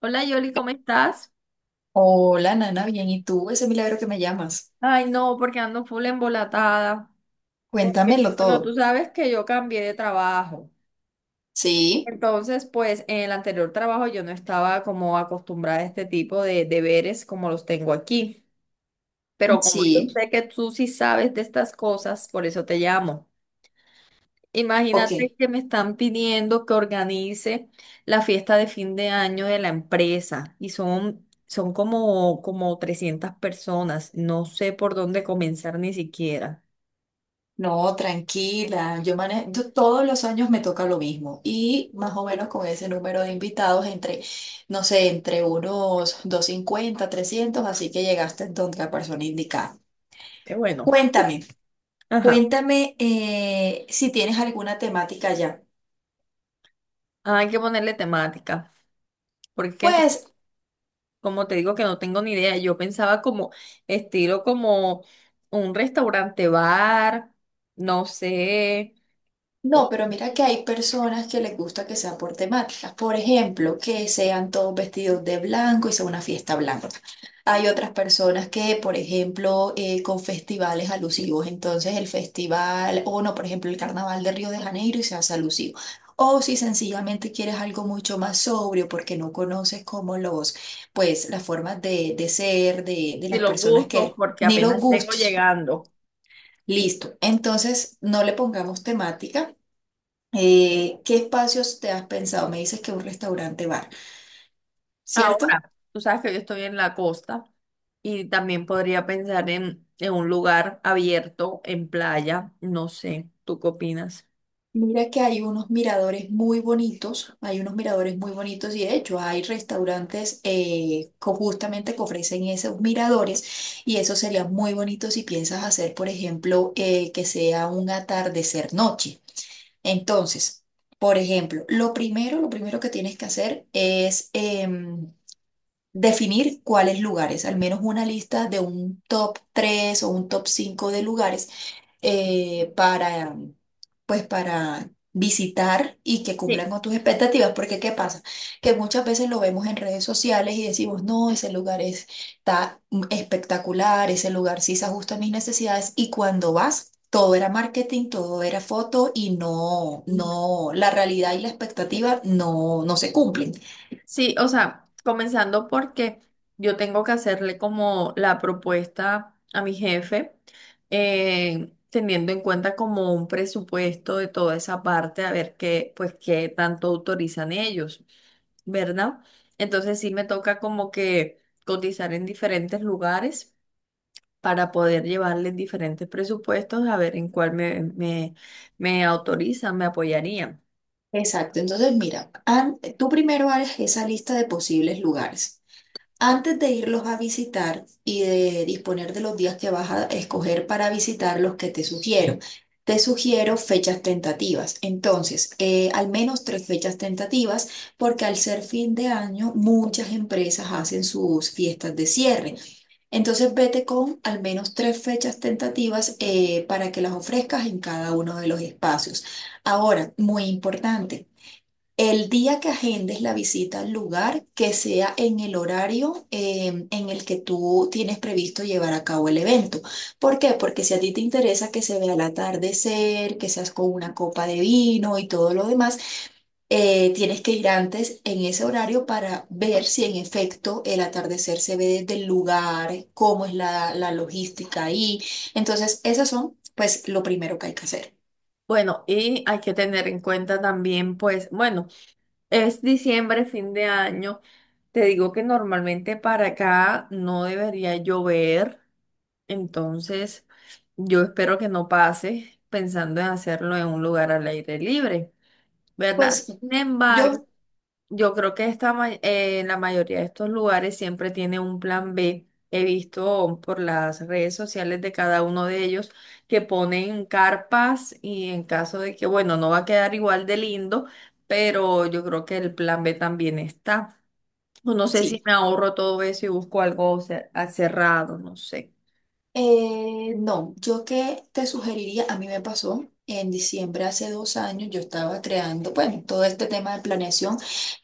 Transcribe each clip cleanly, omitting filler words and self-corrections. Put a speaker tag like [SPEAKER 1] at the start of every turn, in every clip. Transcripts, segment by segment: [SPEAKER 1] Hola, Yoli, ¿cómo estás?
[SPEAKER 2] Hola, Nana, bien. ¿Y tú? Ese milagro que me llamas.
[SPEAKER 1] Ay, no, porque ando full embolatada. Porque,
[SPEAKER 2] Cuéntamelo
[SPEAKER 1] bueno, tú
[SPEAKER 2] todo.
[SPEAKER 1] sabes que yo cambié de trabajo.
[SPEAKER 2] Sí,
[SPEAKER 1] Entonces, pues en el anterior trabajo yo no estaba como acostumbrada a este tipo de deberes como los tengo aquí. Pero como yo
[SPEAKER 2] sí,
[SPEAKER 1] sé que tú sí sabes de estas cosas, por eso te llamo.
[SPEAKER 2] ok.
[SPEAKER 1] Imagínate que me están pidiendo que organice la fiesta de fin de año de la empresa y son como, 300 personas. No sé por dónde comenzar ni siquiera.
[SPEAKER 2] No, tranquila. Yo manejo, yo todos los años me toca lo mismo. Y más o menos con ese número de invitados, entre, no sé, entre unos 250 300, así que llegaste donde la persona indicada.
[SPEAKER 1] Qué bueno.
[SPEAKER 2] Cuéntame,
[SPEAKER 1] Ajá.
[SPEAKER 2] cuéntame, si tienes alguna temática ya.
[SPEAKER 1] Ah, hay que ponerle temática, porque co-
[SPEAKER 2] Pues
[SPEAKER 1] como te digo que no tengo ni idea. Yo pensaba como estilo, como un restaurante bar, no sé,
[SPEAKER 2] No,
[SPEAKER 1] o
[SPEAKER 2] pero mira que hay personas que les gusta que sea por temáticas. Por ejemplo, que sean todos vestidos de blanco y sea una fiesta blanca. Hay otras personas que, por ejemplo, con festivales alusivos. Entonces, el festival, o no, por ejemplo, el Carnaval de Río de Janeiro y se hace alusivo. O si sencillamente quieres algo mucho más sobrio porque no conoces como los, pues, las formas de ser de
[SPEAKER 1] si
[SPEAKER 2] las
[SPEAKER 1] los
[SPEAKER 2] personas
[SPEAKER 1] gustos,
[SPEAKER 2] que,
[SPEAKER 1] porque
[SPEAKER 2] ni los
[SPEAKER 1] apenas vengo
[SPEAKER 2] gustos.
[SPEAKER 1] llegando.
[SPEAKER 2] Listo. Entonces, no le pongamos temática. ¿Qué espacios te has pensado? Me dices que un restaurante bar, ¿cierto?
[SPEAKER 1] Ahora, tú sabes que yo estoy en la costa y también podría pensar en un lugar abierto, en playa, no sé, ¿tú qué opinas?
[SPEAKER 2] Mira que hay unos miradores muy bonitos, hay unos miradores muy bonitos y de hecho hay restaurantes justamente que ofrecen esos miradores y eso sería muy bonito si piensas hacer, por ejemplo, que sea un atardecer noche. Entonces, por ejemplo, lo primero que tienes que hacer es definir cuáles lugares, al menos una lista de un top 3 o un top 5 de lugares, eh, para, pues para visitar y que cumplan
[SPEAKER 1] Sí,
[SPEAKER 2] con tus expectativas, porque ¿qué pasa? Que muchas veces lo vemos en redes sociales y decimos, no, ese lugar está espectacular, ese lugar sí se ajusta a mis necesidades y cuando vas. Todo era marketing, todo era foto y no,
[SPEAKER 1] ujú,
[SPEAKER 2] no, la realidad y la expectativa no, no se cumplen.
[SPEAKER 1] sí, o sea, comenzando porque yo tengo que hacerle como la propuesta a mi jefe, teniendo en cuenta como un presupuesto de toda esa parte, a ver qué, pues qué tanto autorizan ellos, ¿verdad? Entonces sí me toca como que cotizar en diferentes lugares, para poder llevarles diferentes presupuestos, a ver en cuál me autorizan, me apoyarían.
[SPEAKER 2] Exacto, entonces mira, tú primero haces esa lista de posibles lugares. Antes de irlos a visitar y de disponer de los días que vas a escoger para visitar los que te sugiero fechas tentativas. Entonces, al menos tres fechas tentativas, porque al ser fin de año, muchas empresas hacen sus fiestas de cierre. Entonces, vete con al menos tres fechas tentativas, para que las ofrezcas en cada uno de los espacios. Ahora, muy importante. El día que agendes la visita al lugar, que sea en el horario, en el que tú tienes previsto llevar a cabo el evento. ¿Por qué? Porque si a ti te interesa que se vea el atardecer, que seas con una copa de vino y todo lo demás, tienes que ir antes en ese horario para ver si en efecto el atardecer se ve desde el lugar, cómo es la logística ahí. Entonces, esas son, pues, lo primero que hay que hacer.
[SPEAKER 1] Bueno, y hay que tener en cuenta también, pues, bueno, es diciembre, fin de año. Te digo que normalmente para acá no debería llover, entonces yo espero que no pase, pensando en hacerlo en un lugar al aire libre, ¿verdad?
[SPEAKER 2] Pues
[SPEAKER 1] Sin embargo,
[SPEAKER 2] yo.
[SPEAKER 1] yo creo que la mayoría de estos lugares siempre tiene un plan B. He visto por las redes sociales de cada uno de ellos que ponen carpas y, en caso de que, bueno, no va a quedar igual de lindo, pero yo creo que el plan B también está. O no sé
[SPEAKER 2] Sí.
[SPEAKER 1] si me ahorro todo eso y busco algo cerrado, no sé.
[SPEAKER 2] No, yo qué te sugeriría, a mí me pasó en diciembre hace 2 años, yo estaba creando, bueno, todo este tema de planeación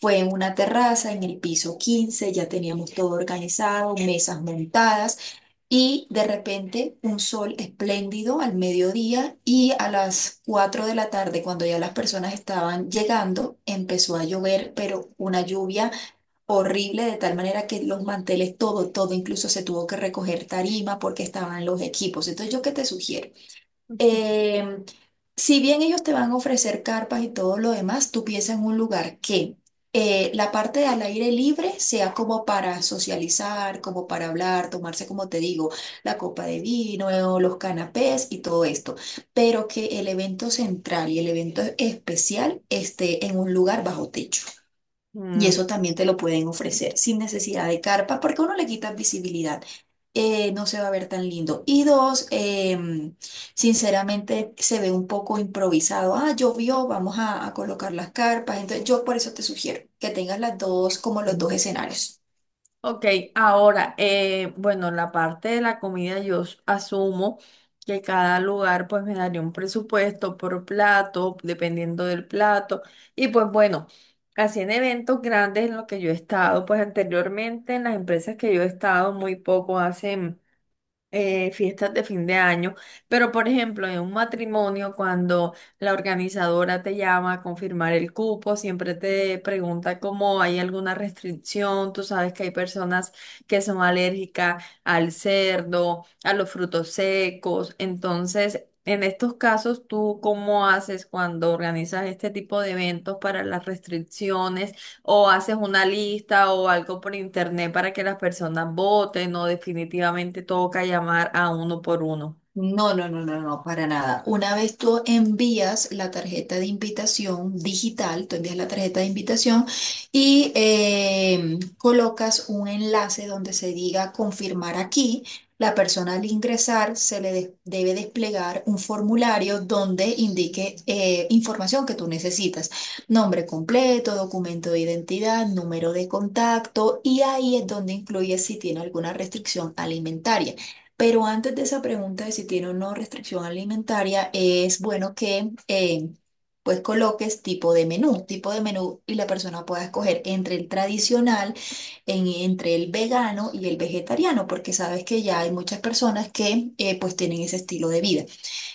[SPEAKER 2] fue en una terraza, en el piso 15. Ya teníamos todo organizado, mesas montadas. Y de repente un sol espléndido al mediodía y a las 4 de la tarde, cuando ya las personas estaban llegando, empezó a llover, pero una lluvia horrible, de tal manera que los manteles, todo, todo, incluso se tuvo que recoger tarima porque estaban los equipos. Entonces, ¿yo qué te sugiero? Eh, si bien ellos te van a ofrecer carpas y todo lo demás, tú piensa en un lugar que, la parte de al aire libre sea como para socializar, como para hablar, tomarse, como te digo, la copa de vino, los canapés y todo esto, pero que el evento central y el evento especial esté en un lugar bajo techo. Y
[SPEAKER 1] Mm,
[SPEAKER 2] eso también te lo pueden ofrecer sin necesidad de carpa, porque uno le quita visibilidad. No se va a ver tan lindo. Y dos, sinceramente se ve un poco improvisado. Ah, llovió, vamos a colocar las carpas. Entonces, yo por eso te sugiero que tengas las dos, como los dos
[SPEAKER 1] ok.
[SPEAKER 2] escenarios.
[SPEAKER 1] Ok, ahora, bueno, la parte de la comida asumo que cada lugar pues me daría un presupuesto por plato, dependiendo del plato. Y pues bueno, así en eventos grandes en los que yo he estado, pues anteriormente en las empresas que yo he estado muy poco hacen fiestas de fin de año, pero, por ejemplo, en un matrimonio, cuando la organizadora te llama a confirmar el cupo, siempre te pregunta cómo hay alguna restricción. Tú sabes que hay personas que son alérgicas al cerdo, a los frutos secos. Entonces, en estos casos, ¿tú cómo haces cuando organizas este tipo de eventos para las restricciones? ¿O haces una lista o algo por internet para que las personas voten, o definitivamente toca llamar a uno por uno?
[SPEAKER 2] No, no, no, no, no, para nada. Una vez tú envías la tarjeta de invitación digital, tú envías la tarjeta de invitación y colocas un enlace donde se diga confirmar aquí. La persona al ingresar se le debe desplegar un formulario donde indique, información que tú necesitas. Nombre completo, documento de identidad, número de contacto y ahí es donde incluye si tiene alguna restricción alimentaria. Pero antes de esa pregunta de si tiene o no restricción alimentaria, es bueno que, pues coloques tipo de menú y la persona pueda escoger entre el tradicional, entre el vegano y el vegetariano, porque sabes que ya hay muchas personas que, pues tienen ese estilo de vida.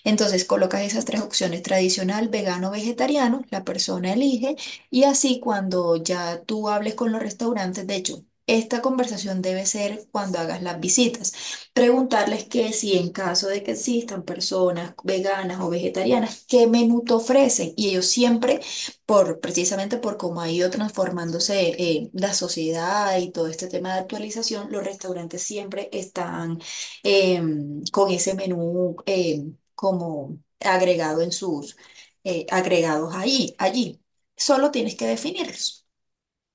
[SPEAKER 2] Entonces colocas esas tres opciones, tradicional, vegano, vegetariano, la persona elige y así cuando ya tú hables con los restaurantes, de hecho, esta conversación debe ser cuando hagas las visitas, preguntarles que si en caso de que existan personas veganas o vegetarianas, ¿qué menú te ofrecen? Y ellos siempre, precisamente por cómo ha ido transformándose, la sociedad y todo este tema de actualización, los restaurantes siempre están con ese menú, como agregado en sus, agregados ahí, allí. Solo tienes que definirlos.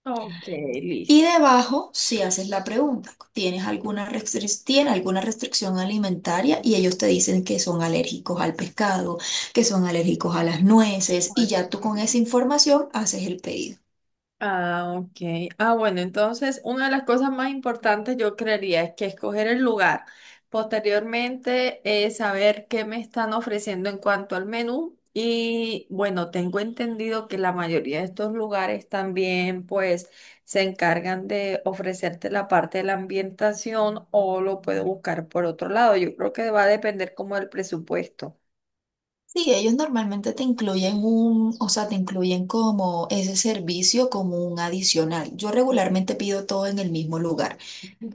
[SPEAKER 1] Ok, listo.
[SPEAKER 2] Y debajo, si haces la pregunta, ¿tiene alguna restricción alimentaria? Y ellos te dicen que son alérgicos al pescado, que son alérgicos a las nueces, y ya tú con esa información haces el pedido.
[SPEAKER 1] Ah, ok. Ah, bueno, entonces una de las cosas más importantes, yo creería, es que escoger el lugar. Posteriormente, saber qué me están ofreciendo en cuanto al menú. Y bueno, tengo entendido que la mayoría de estos lugares también pues se encargan de ofrecerte la parte de la ambientación, o lo puedo buscar por otro lado. Yo creo que va a depender como del presupuesto.
[SPEAKER 2] Sí, ellos normalmente te incluyen o sea, te incluyen como ese servicio como un adicional. Yo regularmente pido todo en el mismo lugar.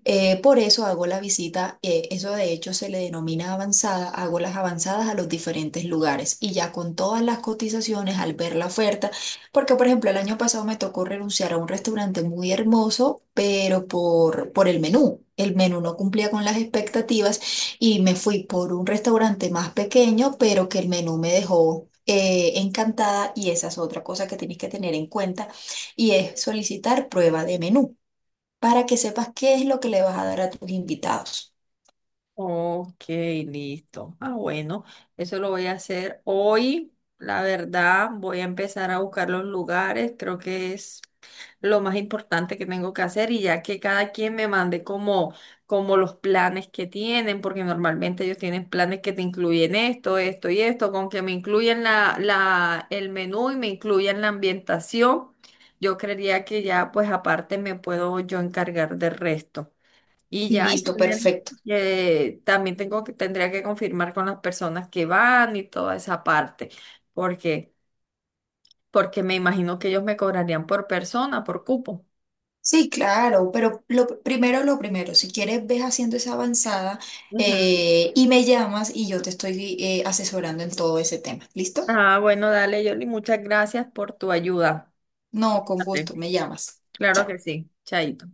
[SPEAKER 2] Por eso hago la visita, eso de hecho se le denomina avanzada, hago las avanzadas a los diferentes lugares y ya con todas las cotizaciones al ver la oferta, porque por ejemplo el año pasado me tocó renunciar a un restaurante muy hermoso, pero por el menú. El menú no cumplía con las expectativas y me fui por un restaurante más pequeño, pero que el menú me dejó, encantada y esa es otra cosa que tienes que tener en cuenta y es solicitar prueba de menú para que sepas qué es lo que le vas a dar a tus invitados.
[SPEAKER 1] Ok, listo. Ah, bueno, eso lo voy a hacer hoy. La verdad, voy a empezar a buscar los lugares. Creo que es lo más importante que tengo que hacer, y ya que cada quien me mande como, como los planes que tienen, porque normalmente ellos tienen planes que te incluyen esto, esto y esto. Con que me incluyan el menú y me incluyan la ambientación, yo creería que ya, pues aparte me puedo yo encargar del resto. Y ya, y
[SPEAKER 2] Listo,
[SPEAKER 1] tendría
[SPEAKER 2] perfecto.
[SPEAKER 1] también tengo que, tendría que confirmar con las personas que van y toda esa parte, porque, porque me imagino que ellos me cobrarían por persona, por cupo.
[SPEAKER 2] Sí, claro, pero lo primero, si quieres, ves haciendo esa avanzada,
[SPEAKER 1] Ujú.
[SPEAKER 2] y me llamas y yo te estoy, asesorando en todo ese tema. ¿Listo?
[SPEAKER 1] Ah, bueno, dale, Yoli, muchas gracias por tu ayuda.
[SPEAKER 2] No, con
[SPEAKER 1] Fíjate.
[SPEAKER 2] gusto, me llamas.
[SPEAKER 1] Claro
[SPEAKER 2] Chao.
[SPEAKER 1] que sí, chaito.